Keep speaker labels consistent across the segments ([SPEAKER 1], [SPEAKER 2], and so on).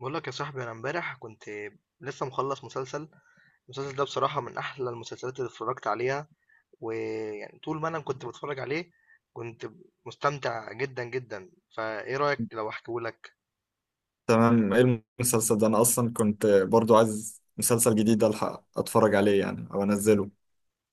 [SPEAKER 1] بقول لك يا صاحبي، انا امبارح كنت لسه مخلص مسلسل. المسلسل ده بصراحة من احلى المسلسلات اللي اتفرجت عليها، ويعني طول ما انا كنت بتفرج عليه كنت مستمتع جدا جدا. فايه رأيك لو احكيهولك؟
[SPEAKER 2] تمام، ايه المسلسل ده؟ انا اصلا كنت برضو عايز مسلسل جديد الحق اتفرج عليه يعني او انزله،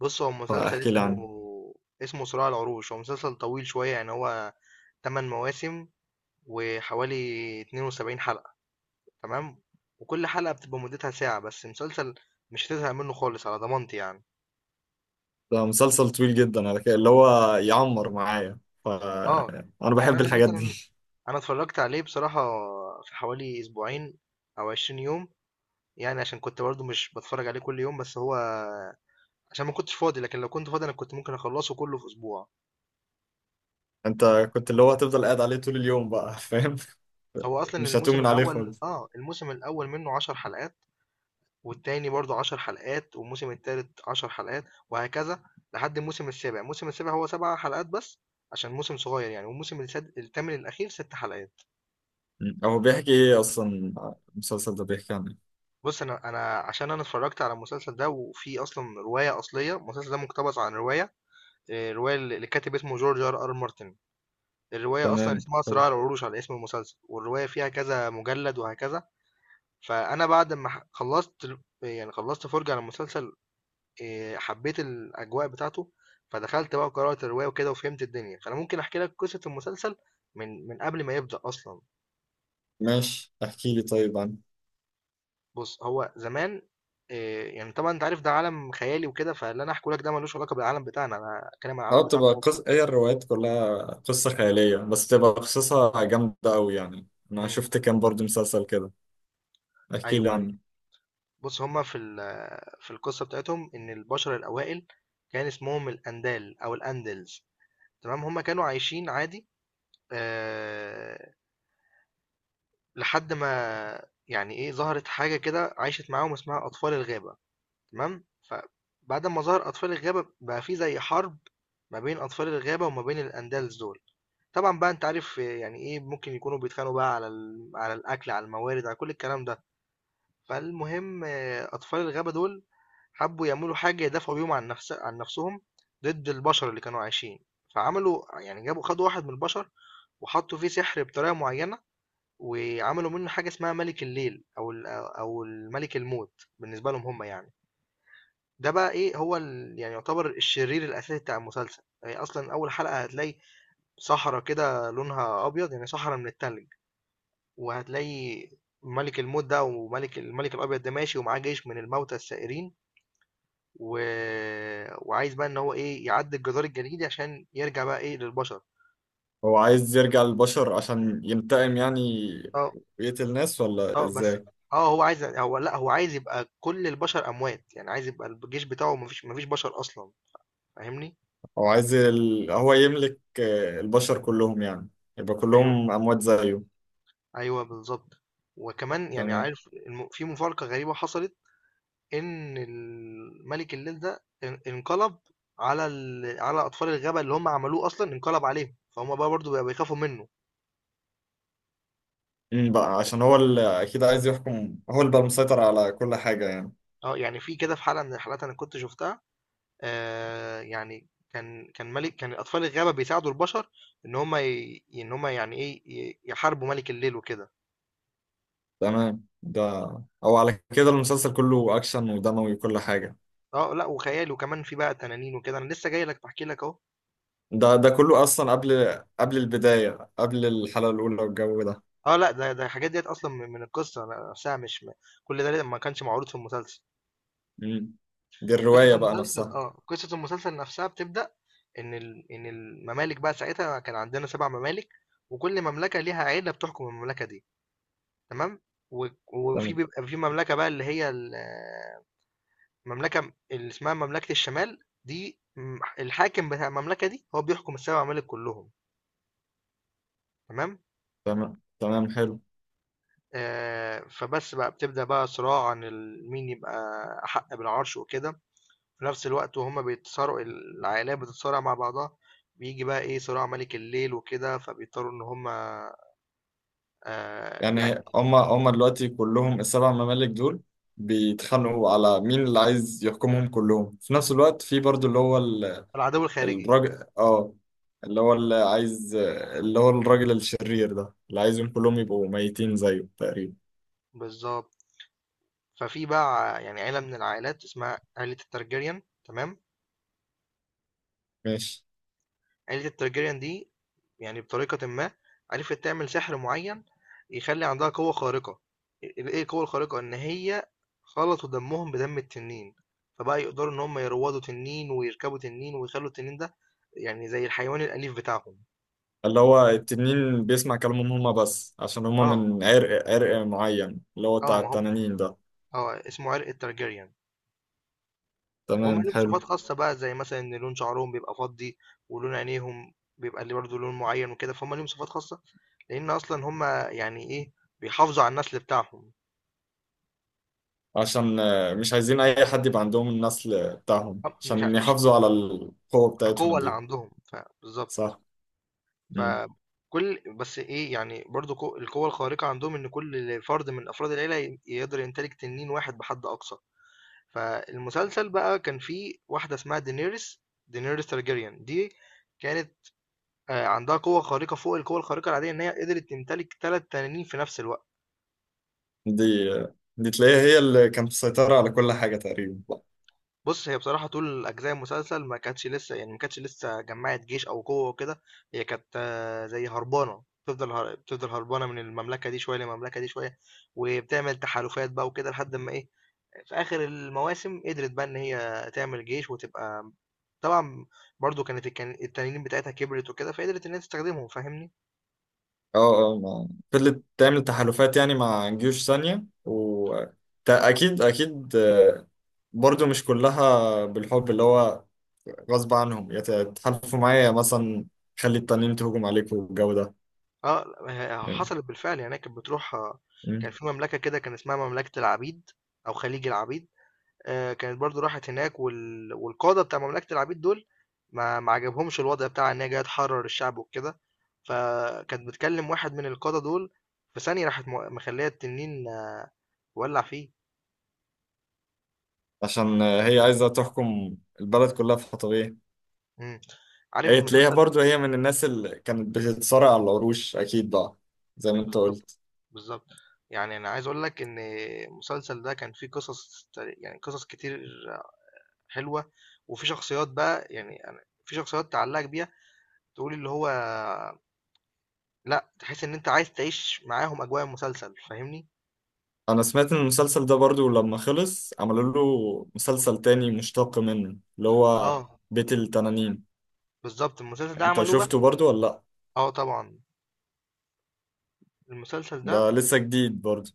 [SPEAKER 1] بص، هو مسلسل
[SPEAKER 2] فاحكي لي
[SPEAKER 1] اسمه
[SPEAKER 2] عنه.
[SPEAKER 1] اسمه صراع العروش. هو مسلسل طويل شوية، يعني هو 8 مواسم وحوالي 72 حلقة. تمام؟ وكل حلقة بتبقى مدتها ساعة، بس مسلسل مش هتزهق منه خالص على ضمانتي يعني.
[SPEAKER 2] ده مسلسل طويل جدا على كده، اللي هو يعمر معايا. ف
[SPEAKER 1] اه
[SPEAKER 2] انا
[SPEAKER 1] يعني
[SPEAKER 2] بحب
[SPEAKER 1] انا
[SPEAKER 2] الحاجات
[SPEAKER 1] مثلا
[SPEAKER 2] دي.
[SPEAKER 1] انا اتفرجت عليه بصراحة في حوالي اسبوعين او 20 يوم، يعني عشان كنت برضو مش بتفرج عليه كل يوم، بس هو عشان ما كنتش فاضي. لكن لو كنت فاضي انا كنت ممكن اخلصه كله في اسبوع.
[SPEAKER 2] انت كنت اللي هو هتفضل قاعد عليه طول اليوم بقى، فاهم؟
[SPEAKER 1] هو اصلا
[SPEAKER 2] مش
[SPEAKER 1] الموسم
[SPEAKER 2] هتؤمن عليه
[SPEAKER 1] الاول
[SPEAKER 2] خالص.
[SPEAKER 1] منه 10 حلقات، والتاني برضو 10 حلقات، والموسم التالت 10 حلقات وهكذا. لحد الموسم السابع، الموسم السابع هو 7 حلقات بس، عشان موسم صغير يعني. والموسم الثامن الاخير 6 حلقات.
[SPEAKER 2] هو بيحكي ايه اصلا، المسلسل ده بيحكي عن ايه؟
[SPEAKER 1] بص انا عشان انا اتفرجت على المسلسل ده، وفي اصلا رواية اصلية. المسلسل ده مقتبس عن رواية، رواية اللي كاتب اسمه جورج ار ار مارتن. الرواية أصلا
[SPEAKER 2] تمام،
[SPEAKER 1] اسمها
[SPEAKER 2] طب
[SPEAKER 1] صراع العروش، على اسم المسلسل. والرواية فيها كذا مجلد وهكذا. فأنا بعد ما ح- خلصت ال- يعني خلصت فرجة على المسلسل، حبيت الأجواء بتاعته، فدخلت بقى قرأت الرواية وكده وفهمت الدنيا. فأنا ممكن أحكي لك قصة المسلسل من قبل ما يبدأ أصلا.
[SPEAKER 2] ماشي، احكي لي طيب عنه.
[SPEAKER 1] بص، هو زمان، يعني طبعا أنت عارف ده عالم خيالي وكده، فاللي أنا أحكي لك ده ملوش علاقة بالعالم بتاعنا. أنا أتكلم عن
[SPEAKER 2] اه،
[SPEAKER 1] العالم بتاعنا
[SPEAKER 2] بتبقى
[SPEAKER 1] هو.
[SPEAKER 2] هي الروايات كلها قصة خيالية، بس بتبقى قصصها جامدة أوي، يعني أنا
[SPEAKER 1] مم.
[SPEAKER 2] شفت كان برضه مسلسل كده. احكي لي
[SPEAKER 1] أيوه أيوه.
[SPEAKER 2] عنه.
[SPEAKER 1] بُص، هُم في القصة بتاعتهم إن البشر الأوائل كان اسمهم الأندال أو الأندلز. تمام، هُم كانوا عايشين عادي، آآ، لحد ما يعني إيه، ظهرت حاجة كده عاشت معاهم اسمها أطفال الغابة. تمام، فبعد أمّا ظهر أطفال الغابة بقى في زي حرب ما بين أطفال الغابة وما بين الأندلز دول. طبعًا بقى أنت عارف يعني إيه، ممكن يكونوا بيتخانقوا بقى على الأكل، على الموارد، على كل الكلام ده. فالمهم أطفال الغابة دول حبوا يعملوا حاجة يدافعوا بيهم عن نفسهم، ضد البشر اللي كانوا عايشين. فعملوا يعني جابوا خدوا واحد من البشر، وحطوا فيه سحر بطريقة معينة، وعملوا منه حاجة اسمها ملك الليل، أو الملك الموت بالنسبة لهم هم يعني. ده بقى إيه، هو يعتبر الشرير الأساسي بتاع المسلسل. يعني أصلا أول حلقة هتلاقي صحراء كده لونها أبيض، يعني صحراء من التلج. وهتلاقي ملك الموت ده، الملك الابيض ده ماشي ومعاه جيش من الموتى السائرين، و... وعايز بقى ان هو ايه يعدي الجدار الجليدي عشان يرجع بقى ايه للبشر.
[SPEAKER 2] هو عايز يرجع للبشر عشان ينتقم يعني،
[SPEAKER 1] اه
[SPEAKER 2] ويقتل ناس ولا
[SPEAKER 1] اه بس
[SPEAKER 2] إزاي؟
[SPEAKER 1] اه هو عايز، هو لا هو عايز يبقى كل البشر اموات، يعني عايز يبقى الجيش بتاعه مفيش بشر اصلا. فاهمني؟
[SPEAKER 2] هو يملك البشر كلهم يعني، يبقى
[SPEAKER 1] ايوه
[SPEAKER 2] كلهم أموات زيه.
[SPEAKER 1] ايوه بالظبط. وكمان يعني
[SPEAKER 2] تمام.
[SPEAKER 1] عارف، في مفارقة غريبة حصلت، إن مَلِك الليل ده انقلب على أطفال الغابة اللي هُم عملوه أصلًا، انقلب عليهم، فهُم بقى برضه بقوا بيخافوا منّه.
[SPEAKER 2] بقى عشان هو اللي أكيد عايز يحكم، هو اللي بقى المسيطر على كل حاجة يعني.
[SPEAKER 1] يعني في كده في حلقة من الحلقات أنا كنت شُفتها، يعني كان أطفال الغابة بيساعدوا البشر إن هُم يعني إيه، يحاربوا مَلِك الليل وكده.
[SPEAKER 2] تمام. أو على كده المسلسل كله أكشن ودموي وكل حاجة؟
[SPEAKER 1] لأ وخيال، وكمان في بقى تنانين وكده. أنا لسه جاي لك باحكي لك أهو.
[SPEAKER 2] ده كله اصلا قبل البدايه، قبل الحلقه الاولى والجو ده؟
[SPEAKER 1] آه لأ، ده الحاجات ديّة أصلًا من القصة نفسها. مش م كل ده ما كانش معروض في المسلسل.
[SPEAKER 2] مم. دي
[SPEAKER 1] قصة
[SPEAKER 2] الروايه بقى
[SPEAKER 1] المسلسل،
[SPEAKER 2] نفسها.
[SPEAKER 1] قصة المسلسل نفسها بتبدأ إن ال إن الممالك بقى ساعتها كان عندنا 7 ممالك، وكل مملكة ليها عيلة بتحكم المملكة دي، تمام؟ و وفي
[SPEAKER 2] تمام،
[SPEAKER 1] بيبقى في مملكة بقى اللي هي المملكة اللي اسمها مملكة الشمال دي. الحاكم بتاع المملكة دي هو بيحكم ال7 ممالك كلهم، تمام؟
[SPEAKER 2] تمام، تمام، حلو.
[SPEAKER 1] فبس بقى بتبدأ بقى صراع عن مين يبقى أحق بالعرش وكده. في نفس الوقت وهُم بيتصارعوا، العائلات بتتصارع مع بعضها، بييجي بقى إيه، صراع مَلِك الليل وكده، فبيضطروا إن هُم يعني
[SPEAKER 2] يعني هما دلوقتي كلهم، السبع ممالك دول بيتخانقوا على مين اللي عايز يحكمهم كلهم في نفس الوقت، في برضو اللي هو
[SPEAKER 1] العدو الخارجي،
[SPEAKER 2] الراجل، اللي هو اللي عايز، اللي هو الراجل الشرير ده اللي عايزهم كلهم يبقوا ميتين زيه تقريبا.
[SPEAKER 1] بالضبط. ففي بقى يعني عيلة من العائلات اسمها عيلة الTargaryen، تمام؟
[SPEAKER 2] ماشي.
[SPEAKER 1] عيلة التارجيريان دي يعني بطريقة ما عرفت تعمل سحر معين يخلي عندها قوة خارقة. ال- ايه القوة الخارقة ان هي خلطوا دمهم بدم التنين، فبقى يقدروا ان هم يروضوا تنين ويركبوا تنين ويخلوا التنين ده يعني زي الحيوان الأليف بتاعهم.
[SPEAKER 2] اللي هو التنين بيسمع كلامهم هما بس، عشان هما
[SPEAKER 1] اه
[SPEAKER 2] من عرق معين اللي هو
[SPEAKER 1] اه
[SPEAKER 2] بتاع
[SPEAKER 1] ما هم،
[SPEAKER 2] التنانين ده.
[SPEAKER 1] اه اسمه عرق التارجيريان. هم
[SPEAKER 2] تمام،
[SPEAKER 1] ليهم
[SPEAKER 2] حلو.
[SPEAKER 1] صفات خاصة بقى، زي مثلا ان لون شعرهم بيبقى فضي، ولون عينيهم بيبقى اللي برضه لون معين وكده. فهم ليهم صفات خاصة لان اصلا هم يعني ايه بيحافظوا على النسل بتاعهم.
[SPEAKER 2] عشان مش عايزين أي حد يبقى عندهم النسل بتاعهم،
[SPEAKER 1] أب مش ع
[SPEAKER 2] عشان
[SPEAKER 1] مش
[SPEAKER 2] يحافظوا على القوة
[SPEAKER 1] القوة
[SPEAKER 2] بتاعتهم
[SPEAKER 1] اللي
[SPEAKER 2] دي.
[SPEAKER 1] عندهم، ف بالضبط.
[SPEAKER 2] صح. مم.
[SPEAKER 1] فكل بس إيه، يعني برضه القوة الخارقة عندهم إن كل فرد من أفراد العيلة يقدر يمتلك تنين واحد بحد أقصى. فالمسلسل بقى كان فيه واحدة اسمها Daenerys Targaryen دي كانت عندها قوة خارقة فوق القوة الخارقة العادية، إن هي قدرت تمتلك 3 تنانين في نفس الوقت.
[SPEAKER 2] دي تلاقيها هي اللي كانت مسيطرة على كل حاجة تقريبا.
[SPEAKER 1] بُص، هي بصراحة طول أجزاء المسلسل ما كانتش لسه، يعني ما كانتش لسه جمّعت جيش أو قوة وكده. هي كانت زي هربانة، بتفضل بتفضل هربانة من المملكة دي شوية للمملكة دي شوية، وبتعمل تحالفات بقى وكده لحد أمّا إيه، في آخر المواسم قدرت بقى إن هي تعمل جيش وتبقى. طبعًا برضه كانت الكن التنانين بتاعتها كبرت وكده، فقدرت إن هي تستخدمهم. فاهمني؟
[SPEAKER 2] اه، اه، ما فضلت تعمل تحالفات يعني مع جيوش ثانية و أكيد، أكيد، برضو مش كلها بالحب، اللي هو غصب عنهم، يا تحالفوا معايا يا مثلا خلي التانيين تهجم عليكم والجو ده
[SPEAKER 1] آه، ه
[SPEAKER 2] يعني.
[SPEAKER 1] حصلت بالفعل، يعني هي كانت بتروح.
[SPEAKER 2] مم.
[SPEAKER 1] كان في مملكة كده كان اسمها مملكة العبيد أو خليج العبيد. كانت برضه راحت هناك، والقادة بتاع مملكة العبيد دول ما عجبهمش الوضع بتاعها إن هي جاية تحرر الشعب وكده، فكانت بتكلم واحد من القادة دول، في ثانية راحت مخلية التنين، ولّع فيه.
[SPEAKER 2] عشان هي عايزة تحكم البلد كلها في حطبيه.
[SPEAKER 1] إمم، عارف
[SPEAKER 2] هي تلاقيها
[SPEAKER 1] المسلسل؟
[SPEAKER 2] برضو هي من الناس اللي كانت بتتصارع على العروش أكيد بقى، زي ما أنت
[SPEAKER 1] بالضبط،
[SPEAKER 2] قلت.
[SPEAKER 1] بالضبط، يعني أنا عايز أقول لك إن المسلسل ده كان فيه قصص، يعني قصص كتير حلوة. وفي شخصيات بقى، يعني أنا في شخصيات تعلّقك بيها، تقول اللي هو لأ، تحس إن أنت عايز تعيش معاهم أجواء المسلسل. فاهمني؟
[SPEAKER 2] أنا سمعت إن المسلسل ده برضو لما خلص عملوا له مسلسل تاني مشتق منه، اللي هو
[SPEAKER 1] آه،
[SPEAKER 2] بيت التنانين.
[SPEAKER 1] بالضبط، المسلسل ده
[SPEAKER 2] أنت
[SPEAKER 1] عملوه بقى.
[SPEAKER 2] شفته برضو ولا لأ؟
[SPEAKER 1] آه طبعًا، المسلسل ده
[SPEAKER 2] ده لسه جديد برضو.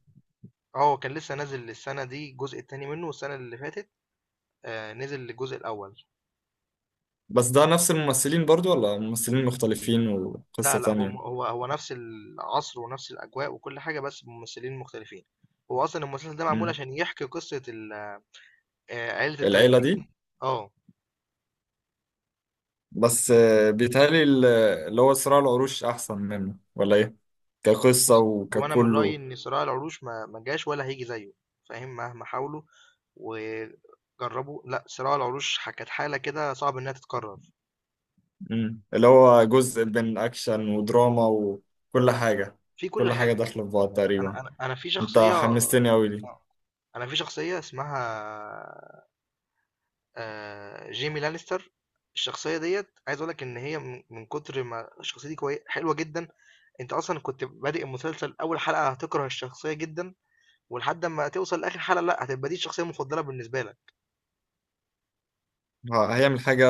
[SPEAKER 1] كان لسه نازل السنة دي الجزء التاني منه، والسنة اللي فاتت نزل الجزء الأول.
[SPEAKER 2] بس ده نفس الممثلين برضو ولا ممثلين مختلفين
[SPEAKER 1] لا،
[SPEAKER 2] وقصة
[SPEAKER 1] لأ، هو
[SPEAKER 2] تانية؟
[SPEAKER 1] م هو هو نفس العصر ونفس الأجواء وكل حاجة، بس بممثلين مختلفين. هو أصلًا المسلسل ده معمول
[SPEAKER 2] مم.
[SPEAKER 1] عشان يحكي قصة ال عيلة
[SPEAKER 2] العيلة
[SPEAKER 1] الترجية.
[SPEAKER 2] دي،
[SPEAKER 1] آه،
[SPEAKER 2] بس بيتهيألي اللي هو صراع العروش أحسن منه ولا إيه؟ كقصة
[SPEAKER 1] بُص، هو أنا من رأيي
[SPEAKER 2] وككله.
[SPEAKER 1] إن صراع العروش ما جاش ولا هييجي زيه. فاهم؟ مهما حاولوا وجربوا، لأ، صراع العروش كانت حالة كده صعب إنها تتكرر.
[SPEAKER 2] اللي هو جزء بين أكشن ودراما وكل حاجة.
[SPEAKER 1] في كل
[SPEAKER 2] كل حاجة
[SPEAKER 1] حاجة يعني.
[SPEAKER 2] داخلة في بعض تقريبا.
[SPEAKER 1] انا في
[SPEAKER 2] أنت
[SPEAKER 1] شخصيه،
[SPEAKER 2] حمستني أوي لي.
[SPEAKER 1] في شخصيه اسمها جيمي لانستر. الشخصيه ديت عايز اقول لك ان هي، من من كتر ما الشخصيه دي كويسه حلوه جدا، انت اصلا كنت بادئ المسلسل، اول حلقه هتكره الشخصيه جدا، ولحد ما توصل لاخر حلقه لا هتبقى دي الشخصيه المفضله بالنسبه لك.
[SPEAKER 2] هيعمل حاجة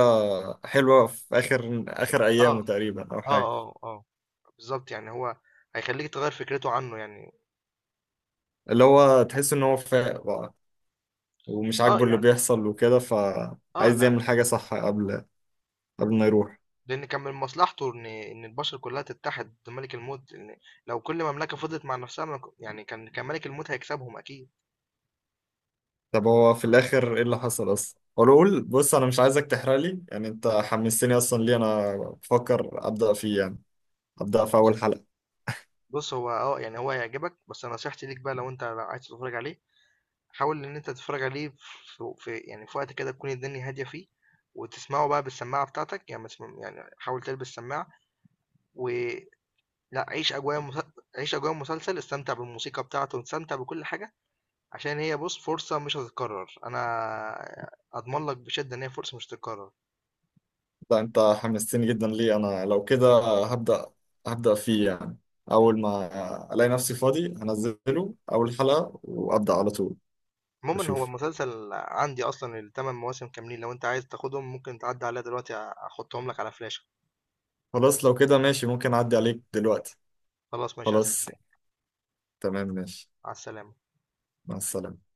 [SPEAKER 2] حلوة في آخر آخر
[SPEAKER 1] اه
[SPEAKER 2] أيامه تقريبا أو
[SPEAKER 1] اه
[SPEAKER 2] حاجة.
[SPEAKER 1] اه اه بالظبط، يعني هو هيخليك تغير فكرته عنه يعني.
[SPEAKER 2] اللي هو تحس إن هو فاق بقى، ومش
[SPEAKER 1] اه
[SPEAKER 2] عاجبه اللي
[SPEAKER 1] يعني
[SPEAKER 2] بيحصل وكده،
[SPEAKER 1] اه
[SPEAKER 2] فعايز
[SPEAKER 1] لا
[SPEAKER 2] يعمل حاجة
[SPEAKER 1] يعني
[SPEAKER 2] صح قبل ما يروح.
[SPEAKER 1] لأن كان من مصلحته إن البشر كلها تتحد ضد ملك الموت، لأن لو كل مملكة فضلت مع نفسها ما ك- يعني كان ملك الموت هيكسبهم أكيد.
[SPEAKER 2] طب هو في الاخر ايه اللي حصل اصلا؟ قول، بص انا مش عايزك تحرق لي يعني، انت حمستني اصلا، ليه انا بفكر ابدا فيه يعني، ابدا في اول
[SPEAKER 1] بص
[SPEAKER 2] حلقه.
[SPEAKER 1] بص هو اه يعني هو هيعجبك، بس نصيحتي ليك بقى لو أنت عايز تتفرج عليه، حاول إن أنت تتفرج عليه في, في وقت كده تكون الدنيا هادية فيه، وتسمعه بقى بالسماعة بتاعتك. يعني ما تسمع- يعني حاول تلبس سماعة، ولا عيش عيش أجواء المسلسل، استمتع بالموسيقى بتاعته واستمتع بكل حاجة، عشان هي بص فرصة مش هتتكرر. انا اضمن لك بشدة ان هي فرصة مش هتتكرر.
[SPEAKER 2] لا، انت حمستني جدا، ليه انا لو كده هبدا هبدا فيه يعني، اول ما الاقي نفسي فاضي هنزله اول حلقه وابدا على طول.
[SPEAKER 1] عموما هو
[SPEAKER 2] اشوف.
[SPEAKER 1] المسلسل عندي اصلا ال8 مواسم كاملين، لو انت عايز تاخدهم ممكن تعدي عليها دلوقتي احطهم لك على فلاشة.
[SPEAKER 2] خلاص، لو كده ماشي، ممكن اعدي عليك دلوقتي.
[SPEAKER 1] خلاص ماشي،
[SPEAKER 2] خلاص،
[SPEAKER 1] هستناك.
[SPEAKER 2] تمام، ماشي.
[SPEAKER 1] مع السلامة.
[SPEAKER 2] مع السلامه.